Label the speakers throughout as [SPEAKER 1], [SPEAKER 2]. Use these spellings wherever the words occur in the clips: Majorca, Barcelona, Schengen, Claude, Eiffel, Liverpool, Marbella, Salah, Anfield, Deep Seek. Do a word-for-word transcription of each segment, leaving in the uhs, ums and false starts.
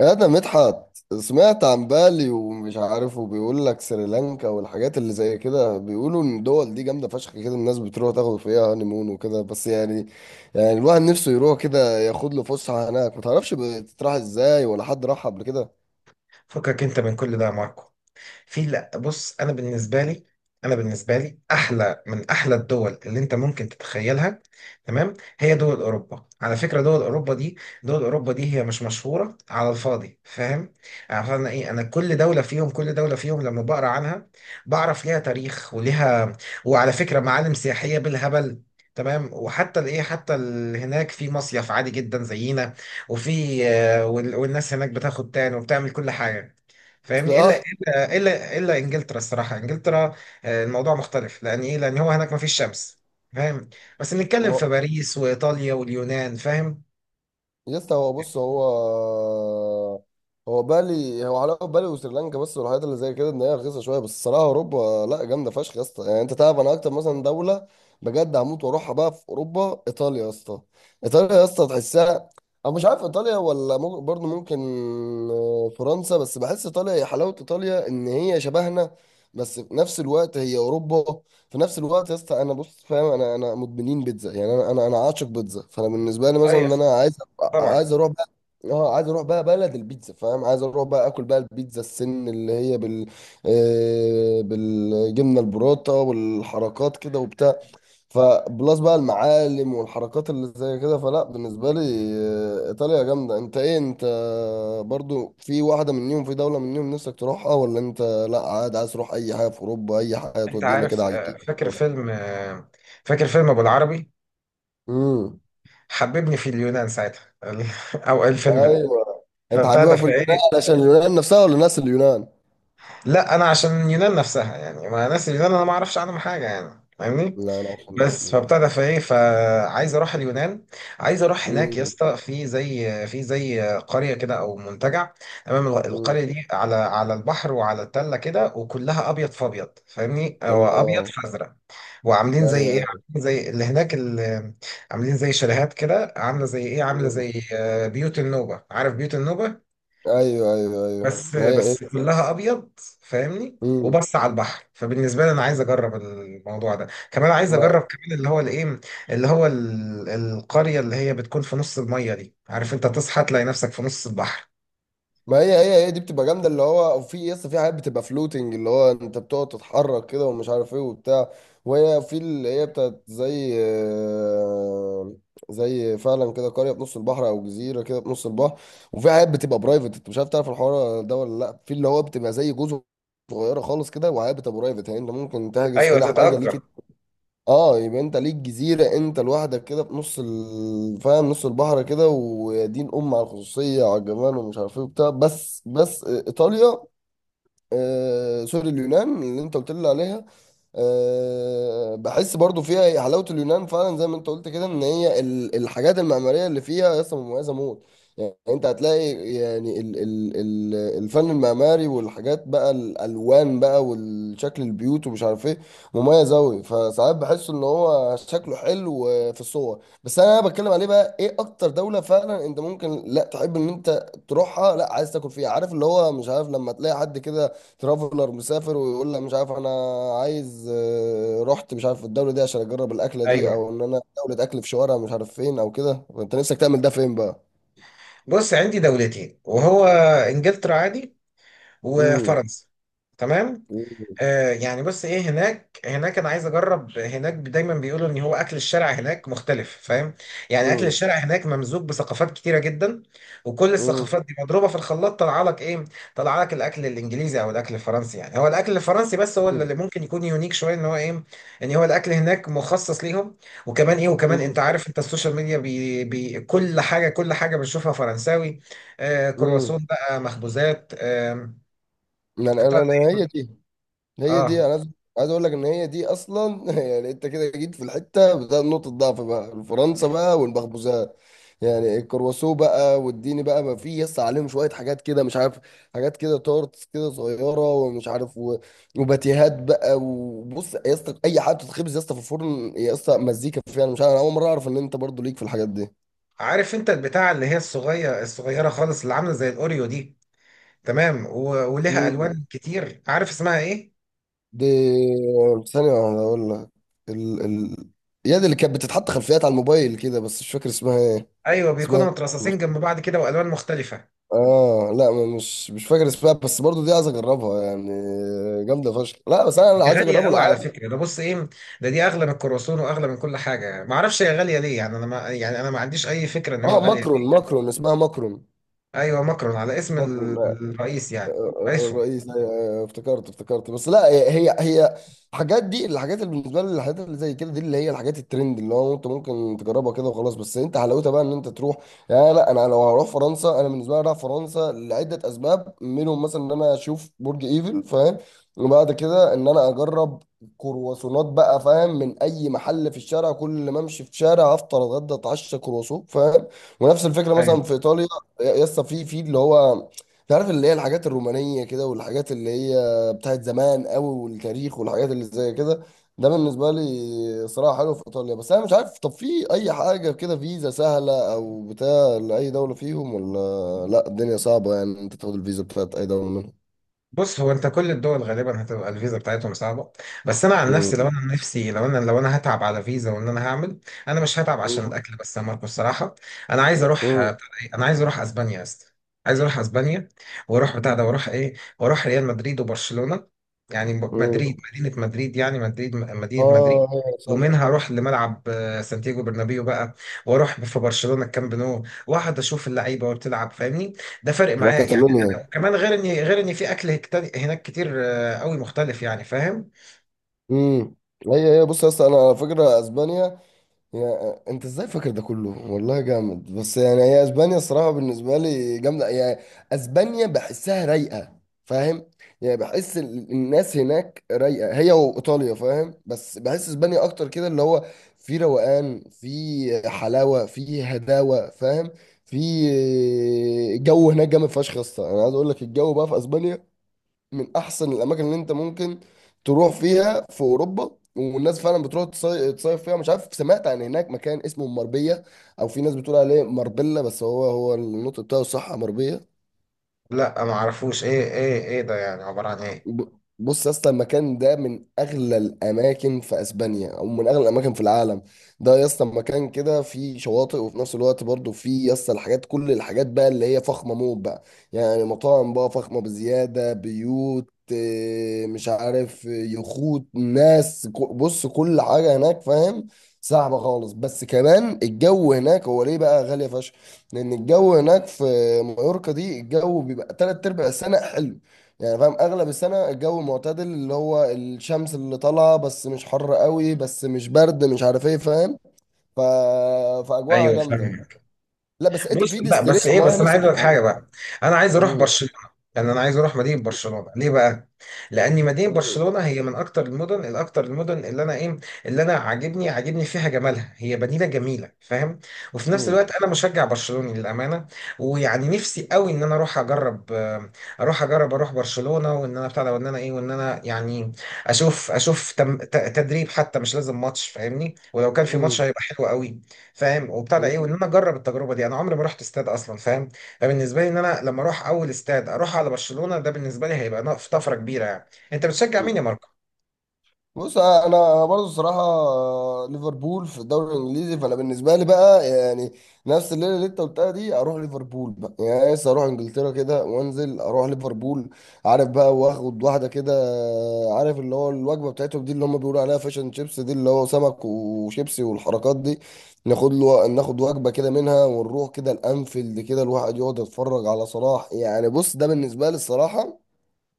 [SPEAKER 1] انا مدحت سمعت عن بالي، ومش عارف، وبيقول لك سريلانكا والحاجات اللي زي كده. بيقولوا ان الدول دي جامده فشخ كده، الناس بتروح تاخد فيها هانيمون وكده. بس يعني يعني الواحد نفسه يروح كده ياخد له فسحه هناك. ما تعرفش بتتراح ازاي، ولا حد راح قبل كده؟
[SPEAKER 2] فكك انت من كل ده يا ماركو. في لا، بص، انا بالنسبه لي انا بالنسبه لي احلى من احلى الدول اللي انت ممكن تتخيلها. تمام. هي دول اوروبا، على فكره دول اوروبا دي دول اوروبا دي هي مش مشهوره على الفاضي، فاهم؟ عارف انا ايه؟ انا كل دوله فيهم كل دوله فيهم لما بقرا عنها بعرف ليها تاريخ وليها، وعلى فكره معالم سياحيه بالهبل. تمام. وحتى الايه حتى ال- هناك في مصيف عادي جدا زينا، وفي آه، وال- والناس هناك بتاخد تان وبتعمل كل حاجه، فاهمني؟ الا
[SPEAKER 1] صح.
[SPEAKER 2] آه، الا الا انجلترا، الصراحه انجلترا آه، الموضوع مختلف، لان ايه، لان هو هناك مفيش شمس، فاهم؟ بس نتكلم في باريس وايطاليا واليونان، فاهم؟
[SPEAKER 1] يا اسطى، هو بص، هو هو بالي، هو علاقة بالي وسريلانكا بس والحاجات اللي زي كده، ان هي رخيصة شوية. بس الصراحة اوروبا لا، جامدة فشخ يا اسطى. يعني انت تعرف، انا اكتر مثلا دولة بجد هموت واروحها بقى في اوروبا، ايطاليا يا اسطى. ايطاليا يا اسطى تحسها. انا مش عارف ايطاليا، ولا ممكن برضه، ممكن آه، فرنسا. بس بحس ايطاليا، هي حلاوة ايطاليا ان هي شبهنا، بس في نفس الوقت هي اوروبا. في نفس الوقت يا اسطى انا بص، فاهم، انا انا مدمنين بيتزا. يعني انا انا انا عاشق بيتزا، فانا بالنسبه لي مثلا
[SPEAKER 2] ايوه
[SPEAKER 1] ان انا عايز أبقى-
[SPEAKER 2] طبعا.
[SPEAKER 1] عايز اروح بقى. اه، عايز اروح بقى بلد البيتزا، فاهم. عايز اروح بقى اكل بقى البيتزا السن اللي هي بال، آه بالجبنه البروتا والحركات كده وبتاع. فبلس بقى المعالم والحركات اللي زي كده. فلا، بالنسبة لي آه، إيطاليا جامدة. أنت إيه، أنت برضو في واحدة منيهم، في دولة منيهم نفسك تروحها؟ ولا أنت لا، عادي عايز تروح أي حاجة في أوروبا، أي حاجة
[SPEAKER 2] انت
[SPEAKER 1] تودينا
[SPEAKER 2] عارف،
[SPEAKER 1] كده على
[SPEAKER 2] آه،
[SPEAKER 1] الجديد.
[SPEAKER 2] فاكر فيلم آه، فاكر فيلم ابو العربي،
[SPEAKER 1] امم.
[SPEAKER 2] حببني في اليونان ساعتها ال- او الفيلم ده،
[SPEAKER 1] أيوه. أنت
[SPEAKER 2] فبتاع ده
[SPEAKER 1] حاببها في اليونان
[SPEAKER 2] فايه.
[SPEAKER 1] علشان اليونان نفسها، ولا ناس اليونان؟
[SPEAKER 2] لا انا عشان اليونان نفسها، يعني ما ناس اليونان انا ما اعرفش عنهم حاجه، يعني فاهمني.
[SPEAKER 1] لا، أنا عشان ناس
[SPEAKER 2] بس
[SPEAKER 1] اليونان.
[SPEAKER 2] فبتاع ده فايه، فعايز اروح اليونان، عايز اروح هناك يا
[SPEAKER 1] امم.
[SPEAKER 2] اسطى، في زي في زي قريه كده او منتجع. تمام. الغ-
[SPEAKER 1] امم.
[SPEAKER 2] القريه دي على على البحر وعلى التله كده، وكلها ابيض في ابيض فاهمني، او ابيض
[SPEAKER 1] الله.
[SPEAKER 2] في ازرق. وعاملين
[SPEAKER 1] أيوه،
[SPEAKER 2] زي ايه
[SPEAKER 1] أيوه.
[SPEAKER 2] عاملين زي اللي هناك اللي عاملين زي شاليهات كده، عامله زي ايه عامله
[SPEAKER 1] مم.
[SPEAKER 2] زي آه، بيوت النوبه، عارف بيوت النوبه؟
[SPEAKER 1] أيوه، أيوه، أيوه،
[SPEAKER 2] بس
[SPEAKER 1] ما هي
[SPEAKER 2] بس
[SPEAKER 1] إيه؟
[SPEAKER 2] كلها ابيض، فاهمني؟
[SPEAKER 1] مم.
[SPEAKER 2] وبس على البحر. فبالنسبه لي انا عايز اجرب الموضوع ده كمان، عايز اجرب كمان اللي هو الايه اللي هو ال- القريه اللي هي بتكون في نص الميه دي، عارف؟ انت تصحى تلاقي نفسك في نص البحر.
[SPEAKER 1] ما هي هي هي دي بتبقى جامده، اللي هو في يس، في حاجات بتبقى فلوتنج، اللي هو انت بتقعد تتحرك كده ومش عارف ايه وبتاع. وهي في اللي هي بتاعت زي، آه، زي فعلا كده، قريه في نص البحر، او جزيره كده في نص البحر. وفي حاجات بتبقى برايفت، انت مش عارف، تعرف الحوار ده ولا لا؟ في اللي هو بتبقى زي جزر صغيره خالص كده، وحاجات بتبقى برايفت يعني، انت ممكن تحجز
[SPEAKER 2] ايوه
[SPEAKER 1] كده حاجه
[SPEAKER 2] تتأجر.
[SPEAKER 1] ليك. اه، يبقى انت ليك جزيرة انت لوحدك كده في نص ال- فاهم، نص البحر كده، ويا دين ام على الخصوصية، على الجمال، ومش عارف ايه وبتاع. بس بس ايطاليا، آه سوري، اليونان اللي انت قلت لي عليها، آه بحس برضو فيها، هي حلاوة اليونان فعلا زي ما انت قلت كده، ان هي ال- الحاجات المعمارية اللي فيها اصلا مميزة موت. يعني انت هتلاقي يعني ال ال ال الفن المعماري والحاجات بقى، الالوان بقى والشكل البيوت، ومش عارف ايه، مميز اوي. فساعات بحس ان هو شكله حلو في الصور. بس انا بتكلم عليه بقى، ايه اكتر دولة فعلا انت ممكن لا تحب ان انت تروحها، لا عايز تاكل فيها، عارف اللي هو مش عارف، لما تلاقي حد كده ترافلر مسافر ويقول لك، مش عارف انا عايز، آه، رحت مش عارف الدوله دي عشان اجرب الاكله دي،
[SPEAKER 2] ايوه
[SPEAKER 1] او ان انا دوله اكل في شوارع مش عارف فين او كده. فانت نفسك تعمل ده فين بقى؟
[SPEAKER 2] بص عندي دولتين وهو، انجلترا عادي،
[SPEAKER 1] امم.
[SPEAKER 2] وفرنسا. تمام.
[SPEAKER 1] امم.
[SPEAKER 2] آه يعني بص ايه، هناك هناك انا عايز اجرب هناك. دايما بيقولوا ان هو اكل الشارع هناك مختلف، فاهم؟ يعني اكل الشارع هناك ممزوج بثقافات كتيره جدا، وكل
[SPEAKER 1] امم.
[SPEAKER 2] الثقافات دي مضروبه في الخلاط طلع لك ايه، طلع لك الاكل الانجليزي او الاكل الفرنسي. يعني هو الاكل الفرنسي بس هو
[SPEAKER 1] امم.
[SPEAKER 2] اللي ممكن يكون يونيك شويه، ان هو ايه، ان هو الاكل هناك مخصص ليهم. وكمان ايه وكمان انت عارف، انت السوشيال ميديا بي بي كل حاجه كل حاجه بنشوفها فرنساوي، آه
[SPEAKER 1] امم.
[SPEAKER 2] كرواسون بقى مخبوزات. آه
[SPEAKER 1] انا
[SPEAKER 2] بتاع-
[SPEAKER 1] انا أنا- هي دي، هي دي
[SPEAKER 2] اه
[SPEAKER 1] انا عايز، عايز اقول لك ان هي دي اصلا يعني انت كده جيت في الحته بتاعت نقطه ضعف بقى، فرنسا بقى والمخبوزات. يعني الكرواسو بقى واديني بقى، ما في يس عليهم شويه حاجات كده مش عارف، حاجات كده تورتس كده صغيره ومش عارف و- وباتيهات بقى. وبص يا اسطى، اي حاجه بتتخبز يا اسطى في الفرن يا اسطى، مزيكا فيها. انا مش عارف، انا اول مره اعرف ان انت برضو ليك في الحاجات دي.
[SPEAKER 2] عارف انت البتاع اللي هي الصغيرة الصغيرة خالص، اللي عاملة زي الأوريو دي؟ تمام. و... ولها
[SPEAKER 1] مم.
[SPEAKER 2] ألوان كتير، عارف اسمها ايه؟
[SPEAKER 1] دي، ثانيه واحدة اقول لك، ال ال يد اللي كانت بتتحط خلفيات على الموبايل كده، بس مش فاكر اسمها ايه.
[SPEAKER 2] ايوه
[SPEAKER 1] اسمها إيه؟
[SPEAKER 2] بيكونوا مترصصين
[SPEAKER 1] مش-
[SPEAKER 2] جنب بعض كده والوان مختلفه.
[SPEAKER 1] اه لا، ما- مش مش فاكر اسمها، بس برضو دي عايز اجربها يعني، جامده فشخ. لا بس انا، أنا
[SPEAKER 2] دي
[SPEAKER 1] عايز
[SPEAKER 2] غاليه
[SPEAKER 1] اجربه
[SPEAKER 2] قوي على
[SPEAKER 1] العادي.
[SPEAKER 2] فكره. ده بص ايه، ده دي اغلى من الكرواسون واغلى من كل حاجه، ما اعرفش هي غاليه ليه. يعني انا ما يعني انا ما عنديش اي فكره ان هو
[SPEAKER 1] اه،
[SPEAKER 2] غاليه
[SPEAKER 1] ماكرون.
[SPEAKER 2] ليه.
[SPEAKER 1] ماكرون اسمها ماكرون.
[SPEAKER 2] ايوه ماكرون، على اسم ال-
[SPEAKER 1] ماكرون
[SPEAKER 2] الرئيس يعني، رئيسهم.
[SPEAKER 1] الرئيس. أيوة، أيوة، افتكرت افتكرت. بس لا، هي هي هي الحاجات دي، الحاجات اللي بالنسبه لي الحاجات اللي زي كده دي، اللي هي الحاجات الترند، اللي هو انت ممكن تجربها كده وخلاص، بس انت حلاوتها بقى ان انت تروح. يعني لا، انا لو هروح فرنسا، انا بالنسبه لي رايح فرنسا لعده اسباب، منهم مثلا ان انا اشوف برج ايفل، فاهم، وبعد كده ان انا اجرب كرواسونات بقى، فاهم، من اي محل في الشارع. كل ما امشي في شارع افطر اتغدى اتعشى كرواسون، فاهم. ونفس الفكره مثلا
[SPEAKER 2] أيوة.
[SPEAKER 1] في ايطاليا، يسطا، في في اللي هو، تعرف اللي هي الحاجات الرومانية كده، والحاجات اللي هي بتاعت زمان قوي والتاريخ والحاجات اللي زي كده. ده بالنسبة لي صراحة حلو في إيطاليا. بس أنا مش عارف، طب في أي حاجة كده فيزا سهلة أو بتاع لأي دولة فيهم ولا لأ؟ الدنيا صعبة يعني، أنت تاخد الفيزا بتاعت أي دولة منهم؟
[SPEAKER 2] بص هو انت كل الدول غالبا هتبقى الفيزا بتاعتهم صعبه. بس انا عن نفسي
[SPEAKER 1] مم.
[SPEAKER 2] لو انا عن نفسي لو انا لو انا هتعب على فيزا وان انا هعمل، انا مش هتعب عشان
[SPEAKER 1] مم.
[SPEAKER 2] الاكل بس يا ماركو الصراحه. انا عايز اروح آه،
[SPEAKER 1] مم.
[SPEAKER 2] بتاع ده ايه؟ انا عايز اروح اسبانيا يا اسطى، عايز اروح اسبانيا، واروح بتاع ده، واروح ايه، واروح ريال مدريد وبرشلونه. يعني م- مدريد
[SPEAKER 1] مم.
[SPEAKER 2] مدينه مدريد يعني مدريد م- مدينه مدريد.
[SPEAKER 1] آه، أيوة صح.
[SPEAKER 2] ومنها اروح لملعب آه، سانتياغو برنابيو بقى. واروح في برشلونه الكامب نو، واقعد اشوف اللعيبه وبتلعب فاهمني؟ ده فرق معايا يعني.
[SPEAKER 1] راكاتالونيا.
[SPEAKER 2] كمان غير ان غير ان في اكل هكت- هناك كتير آه، قوي مختلف، يعني فاهم؟
[SPEAKER 1] امم. هي هي بص يا اسطى، انا على فكره اسبانيا، يا انت ازاي فاكر ده كله، والله جامد. بس يعني هي اسبانيا الصراحه بالنسبه لي جامده. يعني اسبانيا بحسها رايقه، فاهم. يعني بحس ال- الناس هناك رايقه، هي وايطاليا فاهم، بس بحس اسبانيا اكتر كده، اللي هو في روقان، في حلاوه، في هداوه، فاهم. في جو هناك جامد فشخ يا اسطى. انا عايز اقول لك، الجو بقى في اسبانيا من احسن الاماكن اللي انت ممكن تروح فيها في اوروبا، والناس فعلا بتروح تصي- تصيف فيها. مش عارف، سمعت عن هناك مكان اسمه مربيه، او في ناس بتقول عليه مربله، بس هو، هو النطق بتاعه صح مربيه.
[SPEAKER 2] لا ما اعرفوش، ايه ايه ايه ده يعني؟ عبارة عن ايه؟
[SPEAKER 1] ب- بص يا اسطى، المكان ده من اغلى الاماكن في اسبانيا، او من اغلى الاماكن في العالم. ده يا اسطى مكان كده فيه شواطئ، وفي نفس الوقت برضه فيه يا اسطى الحاجات، كل الحاجات بقى اللي هي فخمه موت بقى. يعني مطاعم بقى فخمه بزياده، بيوت، آه، مش عارف، آه، يخوت، ناس ك- بص كل حاجه هناك، فاهم، صعبه خالص. بس كمان الجو هناك، هو ليه بقى غاليه فشخ؟ لان الجو هناك في مايوركا دي، الجو بيبقى تلات ارباع السنه حلو. يعني فاهم، اغلب السنه الجو معتدل، اللي هو الشمس اللي طالعه بس مش حر قوي، بس مش برد، مش عارف ايه، فاهم. ف... فاجواها
[SPEAKER 2] ايوه
[SPEAKER 1] جامده.
[SPEAKER 2] فاهم.
[SPEAKER 1] لا بس انت
[SPEAKER 2] بص
[SPEAKER 1] في
[SPEAKER 2] لا بس
[SPEAKER 1] ديستليشن
[SPEAKER 2] ايه،
[SPEAKER 1] معين
[SPEAKER 2] بس انا عايز
[SPEAKER 1] نفسك
[SPEAKER 2] اقول لك
[SPEAKER 1] تبقى.
[SPEAKER 2] حاجه بقى، انا عايز اروح
[SPEAKER 1] مم.
[SPEAKER 2] برشلونه. يعني انا عايز اروح مدينه برشلونه. ليه بقى؟ لان مدينه
[SPEAKER 1] مم.
[SPEAKER 2] برشلونه هي من اكتر المدن الاكتر المدن اللي انا ايه، اللي انا عاجبني عاجبني فيها جمالها، هي مدينه جميله، فاهم؟ وفي نفس
[SPEAKER 1] مم.
[SPEAKER 2] الوقت انا مشجع برشلوني للامانه، ويعني نفسي قوي ان انا اروح اجرب آه، اروح اجرب اروح برشلونه، وان انا بتاع ده، وان انا ايه، وان انا يعني اشوف اشوف تم- ت- تدريب حتى، مش لازم ماتش فاهمني؟ ولو كان في ماتش هيبقى حلو قوي فاهم. وبتاع ده ايه، وان
[SPEAKER 1] مم.
[SPEAKER 2] انا اجرب التجربه دي، انا عمري ما رحت استاد اصلا فاهم. فبالنسبه لي ان انا لما اروح اول استاد اروح على برشلونه ده، بالنسبه لي هيبقى نقف- طفره كبيره يعني. انت بتشجع مين
[SPEAKER 1] مم.
[SPEAKER 2] يا ماركو؟
[SPEAKER 1] بص انا برضو الصراحه، ليفربول في الدوري الانجليزي. فانا بالنسبه لي بقى يعني، نفس الليله اللي انت قلتها دي، اروح ليفربول بقى. يعني لسه اروح انجلترا كده وانزل اروح ليفربول، عارف بقى، واخد واحده كده، عارف اللي هو الوجبه بتاعتهم دي اللي هم بيقولوا عليها فاشن شيبس دي، اللي هو سمك وشيبسي والحركات دي. ناخد له، ناخد وجبه كده منها، ونروح كده الانفيلد كده، الواحد يقعد يتفرج على صلاح. يعني بص، ده بالنسبه لي الصراحه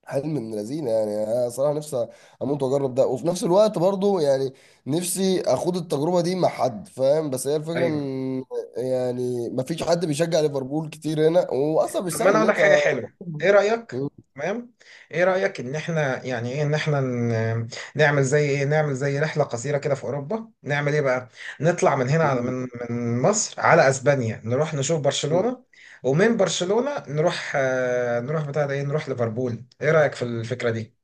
[SPEAKER 1] حلم من لذينه. يعني انا صراحه نفسي اموت واجرب ده، وفي نفس الوقت برضو يعني، نفسي اخوض التجربه دي مع حد، فاهم. بس هي الفكره
[SPEAKER 2] ايوه،
[SPEAKER 1] ان يعني، ما فيش حد بيشجع ليفربول كتير هنا، واصلا مش
[SPEAKER 2] طب ما
[SPEAKER 1] سهل
[SPEAKER 2] انا
[SPEAKER 1] ان
[SPEAKER 2] اقول لك حاجه
[SPEAKER 1] انت.
[SPEAKER 2] حلوه. ايه رايك؟ تمام. ايه رايك ان احنا يعني ايه، ان احنا ن- نعمل زي ايه نعمل زي رحله قصيره كده في اوروبا، نعمل ايه بقى، نطلع من هنا على من من مصر على اسبانيا، نروح نشوف برشلونه، ومن برشلونه نروح آه، نروح بتاع ده ايه نروح ليفربول. ايه رايك في الفكره دي؟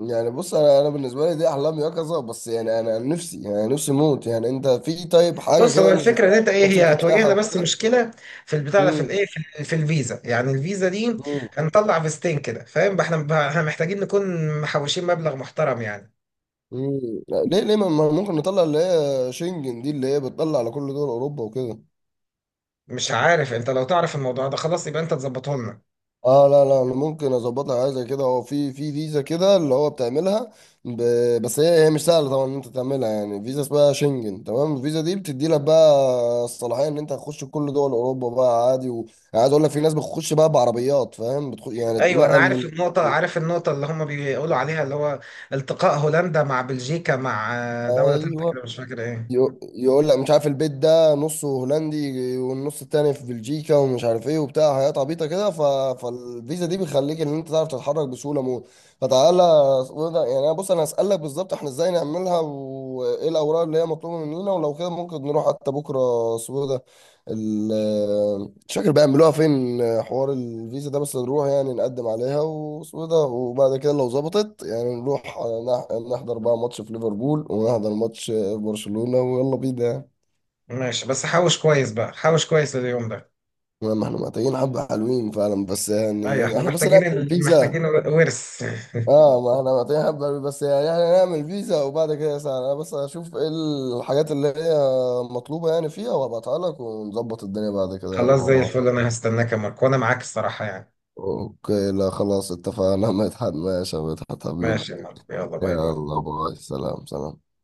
[SPEAKER 1] يعني بص، انا انا بالنسبه لي دي احلام يقظه. بس يعني انا نفسي، يعني نفسي موت. يعني انت في طيب حاجه
[SPEAKER 2] بص هو
[SPEAKER 1] كده انت
[SPEAKER 2] الفكره ان
[SPEAKER 1] شفتها؟
[SPEAKER 2] انت ايه،
[SPEAKER 1] مثلاً
[SPEAKER 2] هي
[SPEAKER 1] شركه سياحه
[SPEAKER 2] هتواجهنا بس
[SPEAKER 1] وكده.
[SPEAKER 2] مشكله في البتاع ده، في
[SPEAKER 1] امم.
[SPEAKER 2] الايه، في, ال- في الفيزا. يعني الفيزا دي
[SPEAKER 1] امم.
[SPEAKER 2] هنطلع فيزتين كده فاهم؟ احنا احنا محتاجين نكون محوشين مبلغ محترم يعني.
[SPEAKER 1] امم. ليه ليه ما ما ممكن نطلع اللي هي شنجن دي، اللي هي بتطلع على كل دول اوروبا وكده.
[SPEAKER 2] مش عارف، انت لو تعرف الموضوع ده خلاص يبقى انت تظبطه لنا.
[SPEAKER 1] اه لا لا، انا ممكن اظبطها، حاجه زي كده. هو في، في فيزا كده اللي هو بتعملها، ب... بس هي، هي مش سهله طبعا ان انت تعملها. يعني فيزا اسمها شنجن، تمام. الفيزا دي بتدي لك بقى الصلاحيه ان انت تخش كل دول اوروبا بقى عادي و... يعني عايز اقول لك، في ناس بتخش بقى بعربيات فاهم، بتخش يعني
[SPEAKER 2] ايوه انا
[SPEAKER 1] تنقل
[SPEAKER 2] عارف
[SPEAKER 1] من،
[SPEAKER 2] النقطه عارف النقطه اللي هم بيقولوا عليها، اللي هو التقاء هولندا مع بلجيكا مع آه، دوله تالته
[SPEAKER 1] ايوه.
[SPEAKER 2] كده، مش فاكر ايه.
[SPEAKER 1] يقو- يقول لك مش عارف، البيت ده نصه هولندي والنص التاني في بلجيكا، ومش عارف ايه وبتاع، حاجات عبيطه كده. ف... فالفيزا دي بتخليك ان انت تعرف تتحرك بسهوله موت. فتعالى اسمه ده- يعني انا بص، انا هسألك بالظبط احنا ازاي نعملها، وايه الاوراق اللي هي مطلوبه مننا، ولو كده ممكن نروح حتى بكره، اسمه إيه ده، ال- مش فاكر بيعملوها فين، حوار الفيزا ده. بس نروح يعني نقدم عليها، واسمه إيه ده، وبعد كده لو ظبطت يعني نروح نح- نحضر بقى ماتش في ليفربول، ونحضر ماتش برشلونة، ويلا بينا يعني.
[SPEAKER 2] ماشي بس حوش كويس بقى، حوش كويس لليوم ده.
[SPEAKER 1] ما احنا محتاجين حبة حلوين فعلا، بس
[SPEAKER 2] ايوه
[SPEAKER 1] يعني
[SPEAKER 2] احنا
[SPEAKER 1] احنا بس
[SPEAKER 2] محتاجين
[SPEAKER 1] نعمل
[SPEAKER 2] ال- محتاجين
[SPEAKER 1] فيزا.
[SPEAKER 2] ورث.
[SPEAKER 1] اه، ما احنا محتاجين حبة حلوين، بس يعني احنا نعمل فيزا، وبعد كده ساعة انا بس اشوف ايه الحاجات اللي هي مطلوبة يعني فيها، وابعتها لك، ونظبط الدنيا بعد كده يعني
[SPEAKER 2] خلاص
[SPEAKER 1] مع
[SPEAKER 2] زي
[SPEAKER 1] بعض.
[SPEAKER 2] الفل، انا هستناك يا ماركو وانا معاك الصراحة يعني.
[SPEAKER 1] اوكي، لا خلاص، اتفقنا. مدحت، ماشي يا مدحت حبيبي.
[SPEAKER 2] ماشي يا ماركو، يلا باي باي.
[SPEAKER 1] يلا باي، سلام، سلام.